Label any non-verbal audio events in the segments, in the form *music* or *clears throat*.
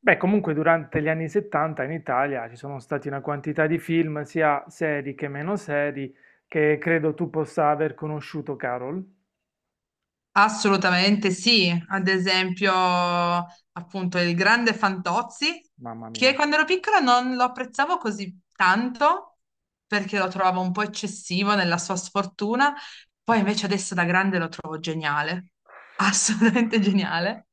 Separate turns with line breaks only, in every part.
Beh, comunque durante gli anni 70 in Italia ci sono stati una quantità di film, sia seri che meno seri, che credo tu possa aver conosciuto, Carol.
Assolutamente sì, ad esempio appunto il grande Fantozzi,
Mamma
che
mia,
quando ero piccola non lo apprezzavo così tanto perché lo trovavo un po' eccessivo nella sua sfortuna, poi invece adesso da grande lo trovo geniale, assolutamente *laughs* geniale.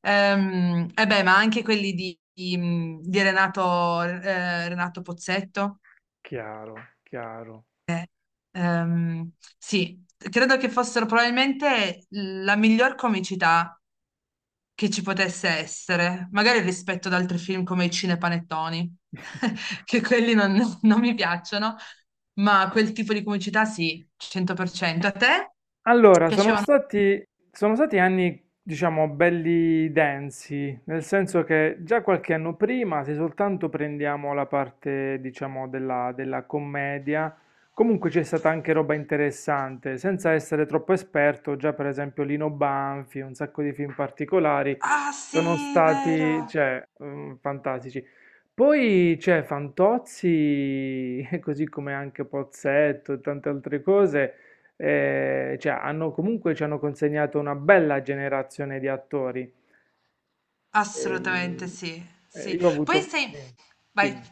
E beh, ma anche quelli di Renato, Renato Pozzetto.
chiaro, chiaro.
Ehm, sì, credo che fossero probabilmente la miglior comicità che ci potesse essere, magari rispetto ad altri film come i cinepanettoni, *laughs* che quelli non mi piacciono, ma quel tipo di comicità sì, 100%. A te
Allora, sono
piacevano?
stati, sono stati anni, diciamo, belli densi, nel senso che già qualche anno prima, se soltanto prendiamo la parte, diciamo, della commedia, comunque c'è stata anche roba interessante, senza essere troppo esperto, già per esempio Lino Banfi, un sacco di film particolari,
Ah
sono
sì,
stati,
vero,
cioè, fantastici. Poi c'è Fantozzi, *laughs* così come anche Pozzetto e tante altre cose, cioè, comunque ci hanno consegnato una bella generazione di attori.
assolutamente
Ehm,
sì, sì.
io ho
Poi
avuto,
sei. Vai,
sì,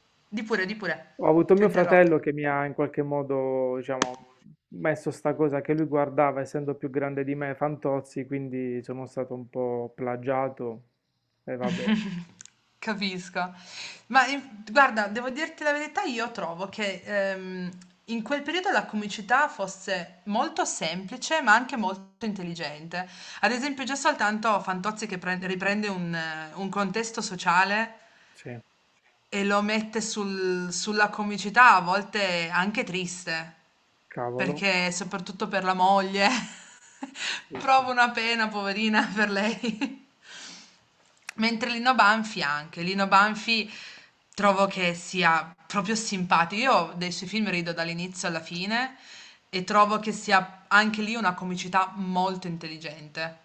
*laughs* di pure,
ho avuto
ti ho
mio
interrotto.
fratello che mi ha in qualche modo, diciamo, messo sta cosa che lui guardava, essendo più grande di me, Fantozzi, quindi sono stato un po' plagiato e va bene.
*laughs* Capisco. Ma guarda, devo dirti la verità, io trovo che in quel periodo la comicità fosse molto semplice, ma anche molto intelligente. Ad esempio, già soltanto Fantozzi che riprende un contesto sociale
Sì,
e lo mette sulla comicità, a volte anche triste,
cavolo.
perché soprattutto per la moglie *laughs*
Sì, sì.
provo una pena, poverina, per lei. *laughs* Mentre Lino Banfi anche, Lino Banfi trovo che sia proprio simpatico. Io dei suoi film rido dall'inizio alla fine e trovo che sia anche lì una comicità molto intelligente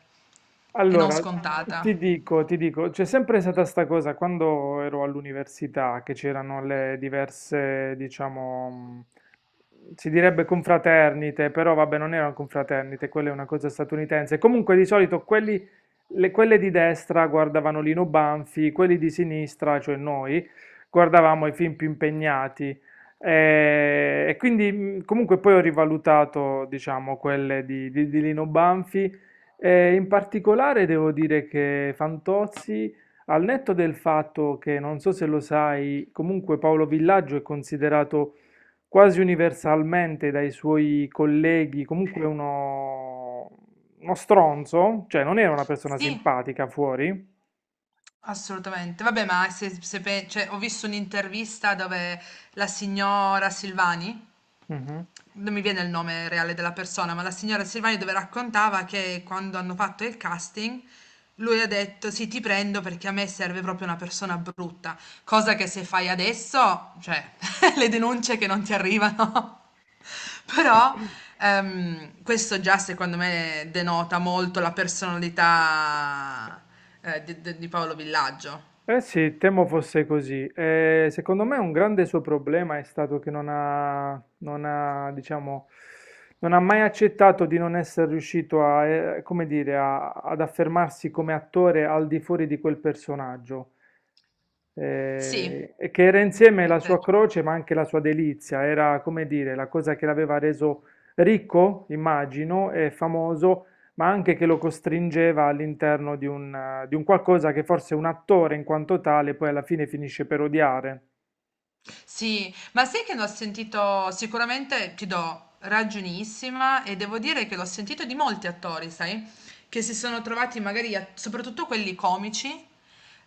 e non
Allora, ti
scontata.
dico, ti dico, c'è sempre stata sta cosa quando ero all'università, che c'erano le diverse, diciamo, si direbbe confraternite, però vabbè, non erano confraternite, quella è una cosa statunitense. Comunque di solito quelli, quelle di destra guardavano Lino Banfi, quelli di sinistra, cioè noi, guardavamo i film più impegnati. E, quindi comunque poi ho rivalutato, diciamo, quelle di di Lino Banfi. E in particolare devo dire che Fantozzi, al netto del fatto che, non so se lo sai, comunque Paolo Villaggio è considerato quasi universalmente dai suoi colleghi comunque uno stronzo, cioè non era una persona
Sì,
simpatica fuori.
assolutamente. Vabbè, ma se, cioè, ho visto un'intervista dove la signora Silvani
Mhm.
non mi viene il nome reale della persona, ma la signora Silvani dove raccontava che quando hanno fatto il casting lui ha detto sì, ti prendo perché a me serve proprio una persona brutta, cosa che se fai adesso, cioè *laughs* le denunce che non ti arrivano, *laughs* però questo già secondo me denota molto la personalità di Paolo Villaggio.
Eh sì, temo fosse così. Secondo me un grande suo problema è stato che non ha, diciamo, non ha mai accettato di non essere riuscito come dire, ad affermarsi come attore al di fuori di quel personaggio,
Sì, è
e che era insieme la sua
vero.
croce ma anche la sua delizia, era come dire la cosa che l'aveva reso ricco, immagino, e famoso, ma anche che lo costringeva all'interno di un qualcosa che forse un attore in quanto tale poi alla fine finisce per odiare.
Sì, ma sai che l'ho sentito, sicuramente ti do ragionissima e devo dire che l'ho sentito di molti attori, sai, che si sono trovati magari, soprattutto quelli comici,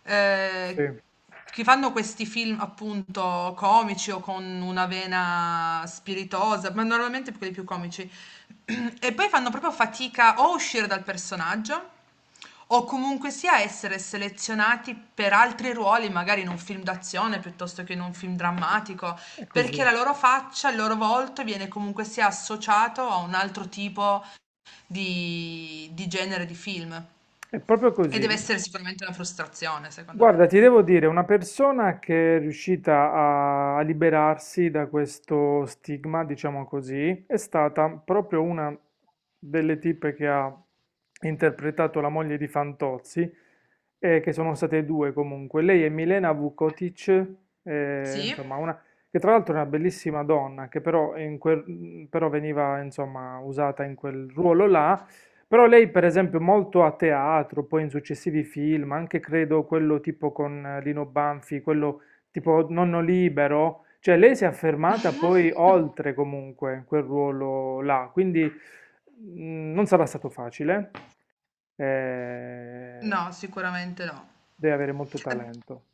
eh,
Sì, è
che fanno questi film appunto comici o con una vena spiritosa, ma normalmente quelli più comici, *clears throat* e poi fanno proprio fatica o a uscire dal personaggio o comunque sia essere selezionati per altri ruoli, magari in un film d'azione piuttosto che in un film drammatico, perché
così,
la loro faccia, il loro volto viene comunque sia associato a un altro tipo di genere di film.
è proprio
E deve
così.
essere sicuramente una frustrazione, secondo me.
Guarda, ti devo dire, una persona che è riuscita a liberarsi da questo stigma, diciamo così, è stata proprio una delle tipe che ha interpretato la moglie di Fantozzi, che sono state due comunque. Lei è Milena Vukotic,
Sì?
insomma, una, che tra l'altro è una bellissima donna, che però, però veniva, insomma, usata in quel ruolo là. Però lei, per esempio, molto a teatro, poi in successivi film, anche credo quello tipo con Lino Banfi, quello tipo Nonno Libero, cioè lei si è affermata poi oltre comunque quel ruolo là, quindi non sarà stato facile, eh,
No, sicuramente no.
deve avere molto talento.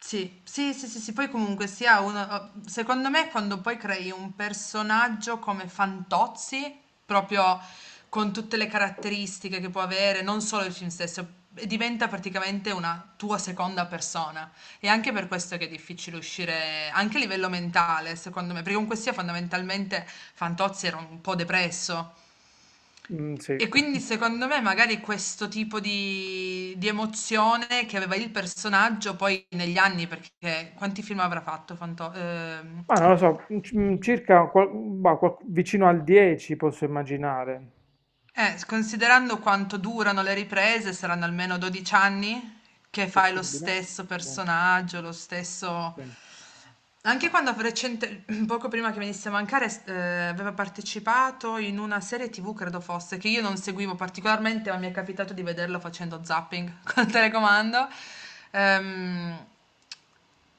Sì, sì, sì, sì, sì, poi comunque sia uno, oh, secondo me quando poi crei un personaggio come Fantozzi, proprio con tutte le caratteristiche che può avere, non solo il film stesso, diventa praticamente una tua seconda persona. E anche per questo che è difficile uscire, anche a livello mentale, secondo me, perché comunque sia fondamentalmente Fantozzi era un po' depresso,
Mm, sì,
e quindi
*laughs*
secondo me magari questo tipo di emozione che aveva il personaggio poi negli anni, perché quanti film avrà fatto Fanto- ehm,
ma non lo so, circa vicino al 10 posso immaginare.
Eh, s- considerando quanto durano le riprese, saranno almeno 12 anni che fai lo
Possibile?
stesso
Sì,
personaggio, lo stesso.
sì,
Anche quando recente, *clears throat* poco prima che venisse a mancare, aveva partecipato in una serie TV, credo fosse, che io non seguivo particolarmente, ma mi è capitato di vederlo facendo zapping *laughs* col telecomando. Ehm,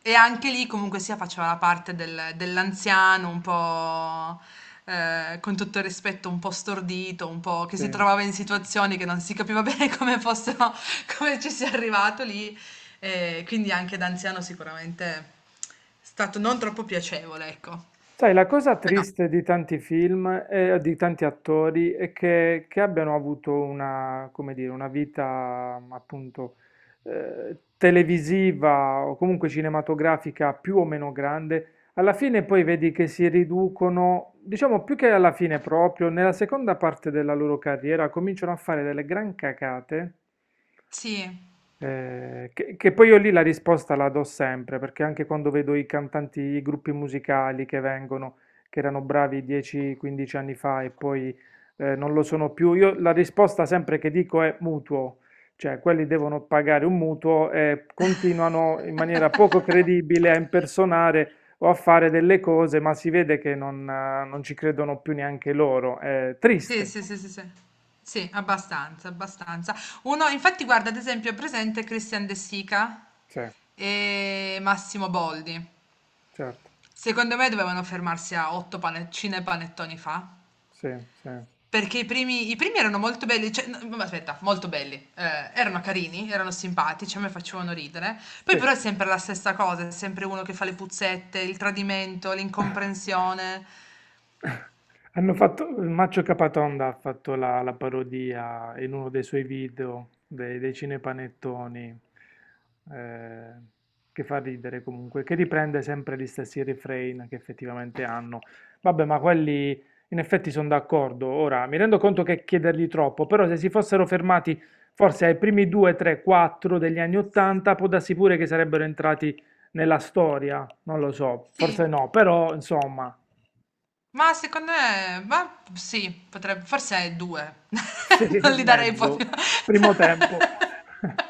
e anche lì comunque sia faceva la parte dell'anziano un po', con tutto il rispetto, un po' stordito, un po' che si
sì.
trovava in situazioni che non si capiva *laughs* bene come fossero come ci sia arrivato lì. Quindi anche da anziano sicuramente è stato non troppo piacevole, ecco.
Sai, la cosa
Però
triste di tanti film e di tanti attori è che abbiano avuto una, come dire, una vita, appunto, televisiva o comunque cinematografica più o meno grande, alla fine poi vedi che si riducono, diciamo più che alla fine proprio, nella seconda parte della loro carriera cominciano a fare delle gran cacate.
sì.
Che poi io lì la risposta la do sempre, perché anche quando vedo i cantanti, i gruppi musicali che vengono, che erano bravi 10-15 anni fa e poi non lo sono più, io la risposta sempre che dico è mutuo, cioè quelli devono pagare un mutuo e continuano in maniera poco
*laughs*
credibile a impersonare o a fare delle cose, ma si vede che non, non ci credono più neanche loro. È
Sì,
triste,
sì, sì, sì, sì. Sì, abbastanza, abbastanza. Uno, infatti, guarda, ad esempio, è presente Christian De Sica
sì,
e Massimo Boldi.
certo,
Secondo me dovevano fermarsi a otto panettine e panettoni fa.
sì, sì,
Perché i primi erano molto belli, cioè, no, ma aspetta, molto belli, erano carini, erano simpatici, a me facevano ridere.
sì.
Poi però è sempre la stessa cosa, è sempre uno che fa le puzzette, il tradimento, l'incomprensione.
Hanno fatto, Maccio Capatonda ha fatto la parodia in uno dei suoi video dei cinepanettoni, eh, che fa ridere comunque, che riprende sempre gli stessi refrain che effettivamente hanno. Vabbè, ma quelli in effetti sono d'accordo. Ora, mi rendo conto che chiedergli troppo, però se si fossero fermati forse ai primi 2, 3, 4 degli anni 80, può darsi pure che sarebbero entrati nella storia, non lo so, forse
Sì,
no, però insomma...
ma secondo me, ma sì, potrebbe, forse è due.
Sì,
*laughs* Non li
*laughs*
darei
mezzo.
proprio.
Primo tempo. *laughs*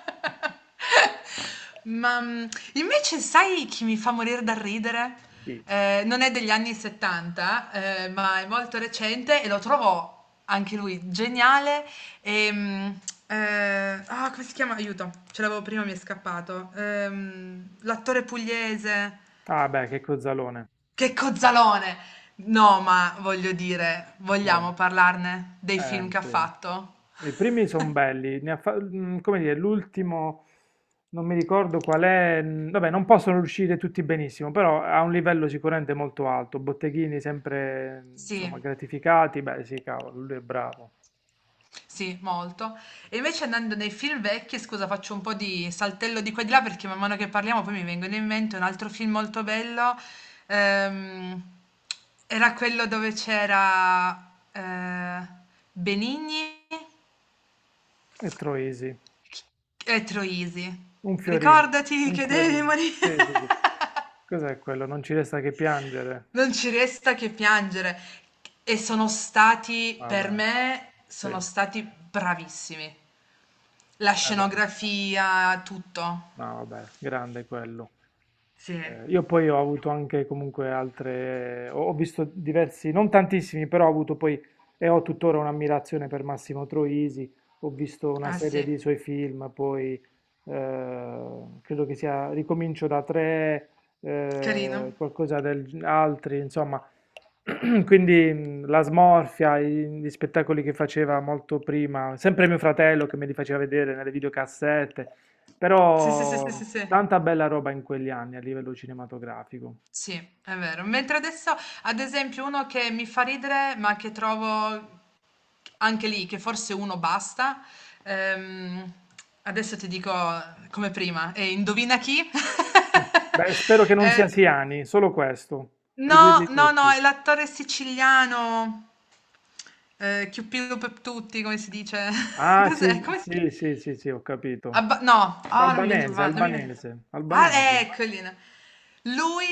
Ma invece sai chi mi fa morire dal ridere?
Chi?
Non è degli anni 70, ma è molto recente e lo trovo anche lui geniale. E, come si chiama? Aiuto, ce l'avevo prima, mi è scappato. L'attore pugliese.
Ah beh, che cozzalone.
Che cozzalone! No, ma voglio dire,
Sì,
vogliamo parlarne dei film che ha
sì.
fatto?
I primi sono belli, ne ha fa- mm, come dire, l'ultimo non mi ricordo qual è, vabbè, non possono uscire tutti benissimo, però ha un livello sicuramente molto alto. Botteghini sempre,
Sì,
insomma, gratificati, beh, sì, cavolo, lui è bravo.
sì, molto. E invece andando nei film vecchi, scusa, faccio un po' di saltello di qua e di là perché man mano che parliamo poi mi vengono in mente un altro film molto bello. ehm, era quello dove c'era Benigni
E Troisi,
e Troisi.
un fiorino,
Ricordati
un
che devi
fiorino.
morire.
Sì, sì,
*laughs*
sì. Cos'è quello? Non ci resta che piangere.
Non ci resta che piangere. E sono stati, per
Vabbè,
me,
sì.
sono stati bravissimi. La
Vabbè,
scenografia, tutto.
no, vabbè, grande quello.
Sì,
Io poi ho avuto anche comunque altre, ho visto diversi, non tantissimi, però ho avuto poi e ho tuttora un'ammirazione per Massimo Troisi, ho visto una
ah
serie
sì,
di suoi film, poi eh, credo che sia Ricomincio da tre,
carino.
qualcosa del altri, insomma, *clears throat* Quindi la smorfia, gli spettacoli che faceva molto prima, sempre mio fratello che me li faceva vedere nelle videocassette,
Sì, sì, sì, sì,
però
sì, sì.
tanta bella roba in quegli anni a livello cinematografico.
Sì, è vero. Mentre adesso, ad esempio, uno che mi fa ridere, ma che trovo anche lì, che forse uno basta. ehm, adesso ti dico come prima, e indovina chi? *laughs*
Beh, spero che non sia
Eh,
Siani, solo questo, puoi
No,
dirli
no, no,
tutti.
è l'attore siciliano, Chiuppillo per tutti, come si dice? *laughs*
Ah,
Cos'è?
sì,
Come si chiama?
sì, sì, sì, sì, ho capito.
No, ah, non mi viene,
Albanese,
va, non mi viene.
albanese,
Ah,
albanese.
eccoli. No. Lui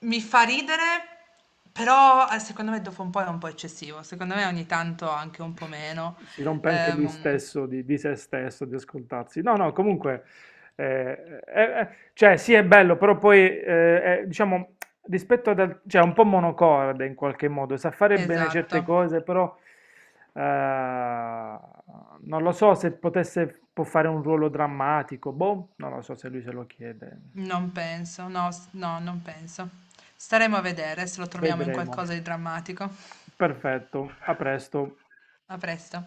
mi fa ridere, però secondo me dopo un po' è un po' eccessivo, secondo me ogni tanto anche un po' meno.
Si rompe anche lui
Ehm,
stesso di se stesso, di ascoltarsi. No, no, comunque, eh, eh, eh, cioè sì è bello, però poi, è, diciamo, rispetto ad altri, cioè è un po' monocorde in qualche modo, sa fare bene
esatto,
certe cose, però eh, non lo so se potesse, può fare un ruolo drammatico, boh, non lo so se lui se lo chiede.
non penso, no, no, non penso. Staremo a vedere se lo troviamo in
Vedremo.
qualcosa di drammatico.
Perfetto, a presto.
A presto.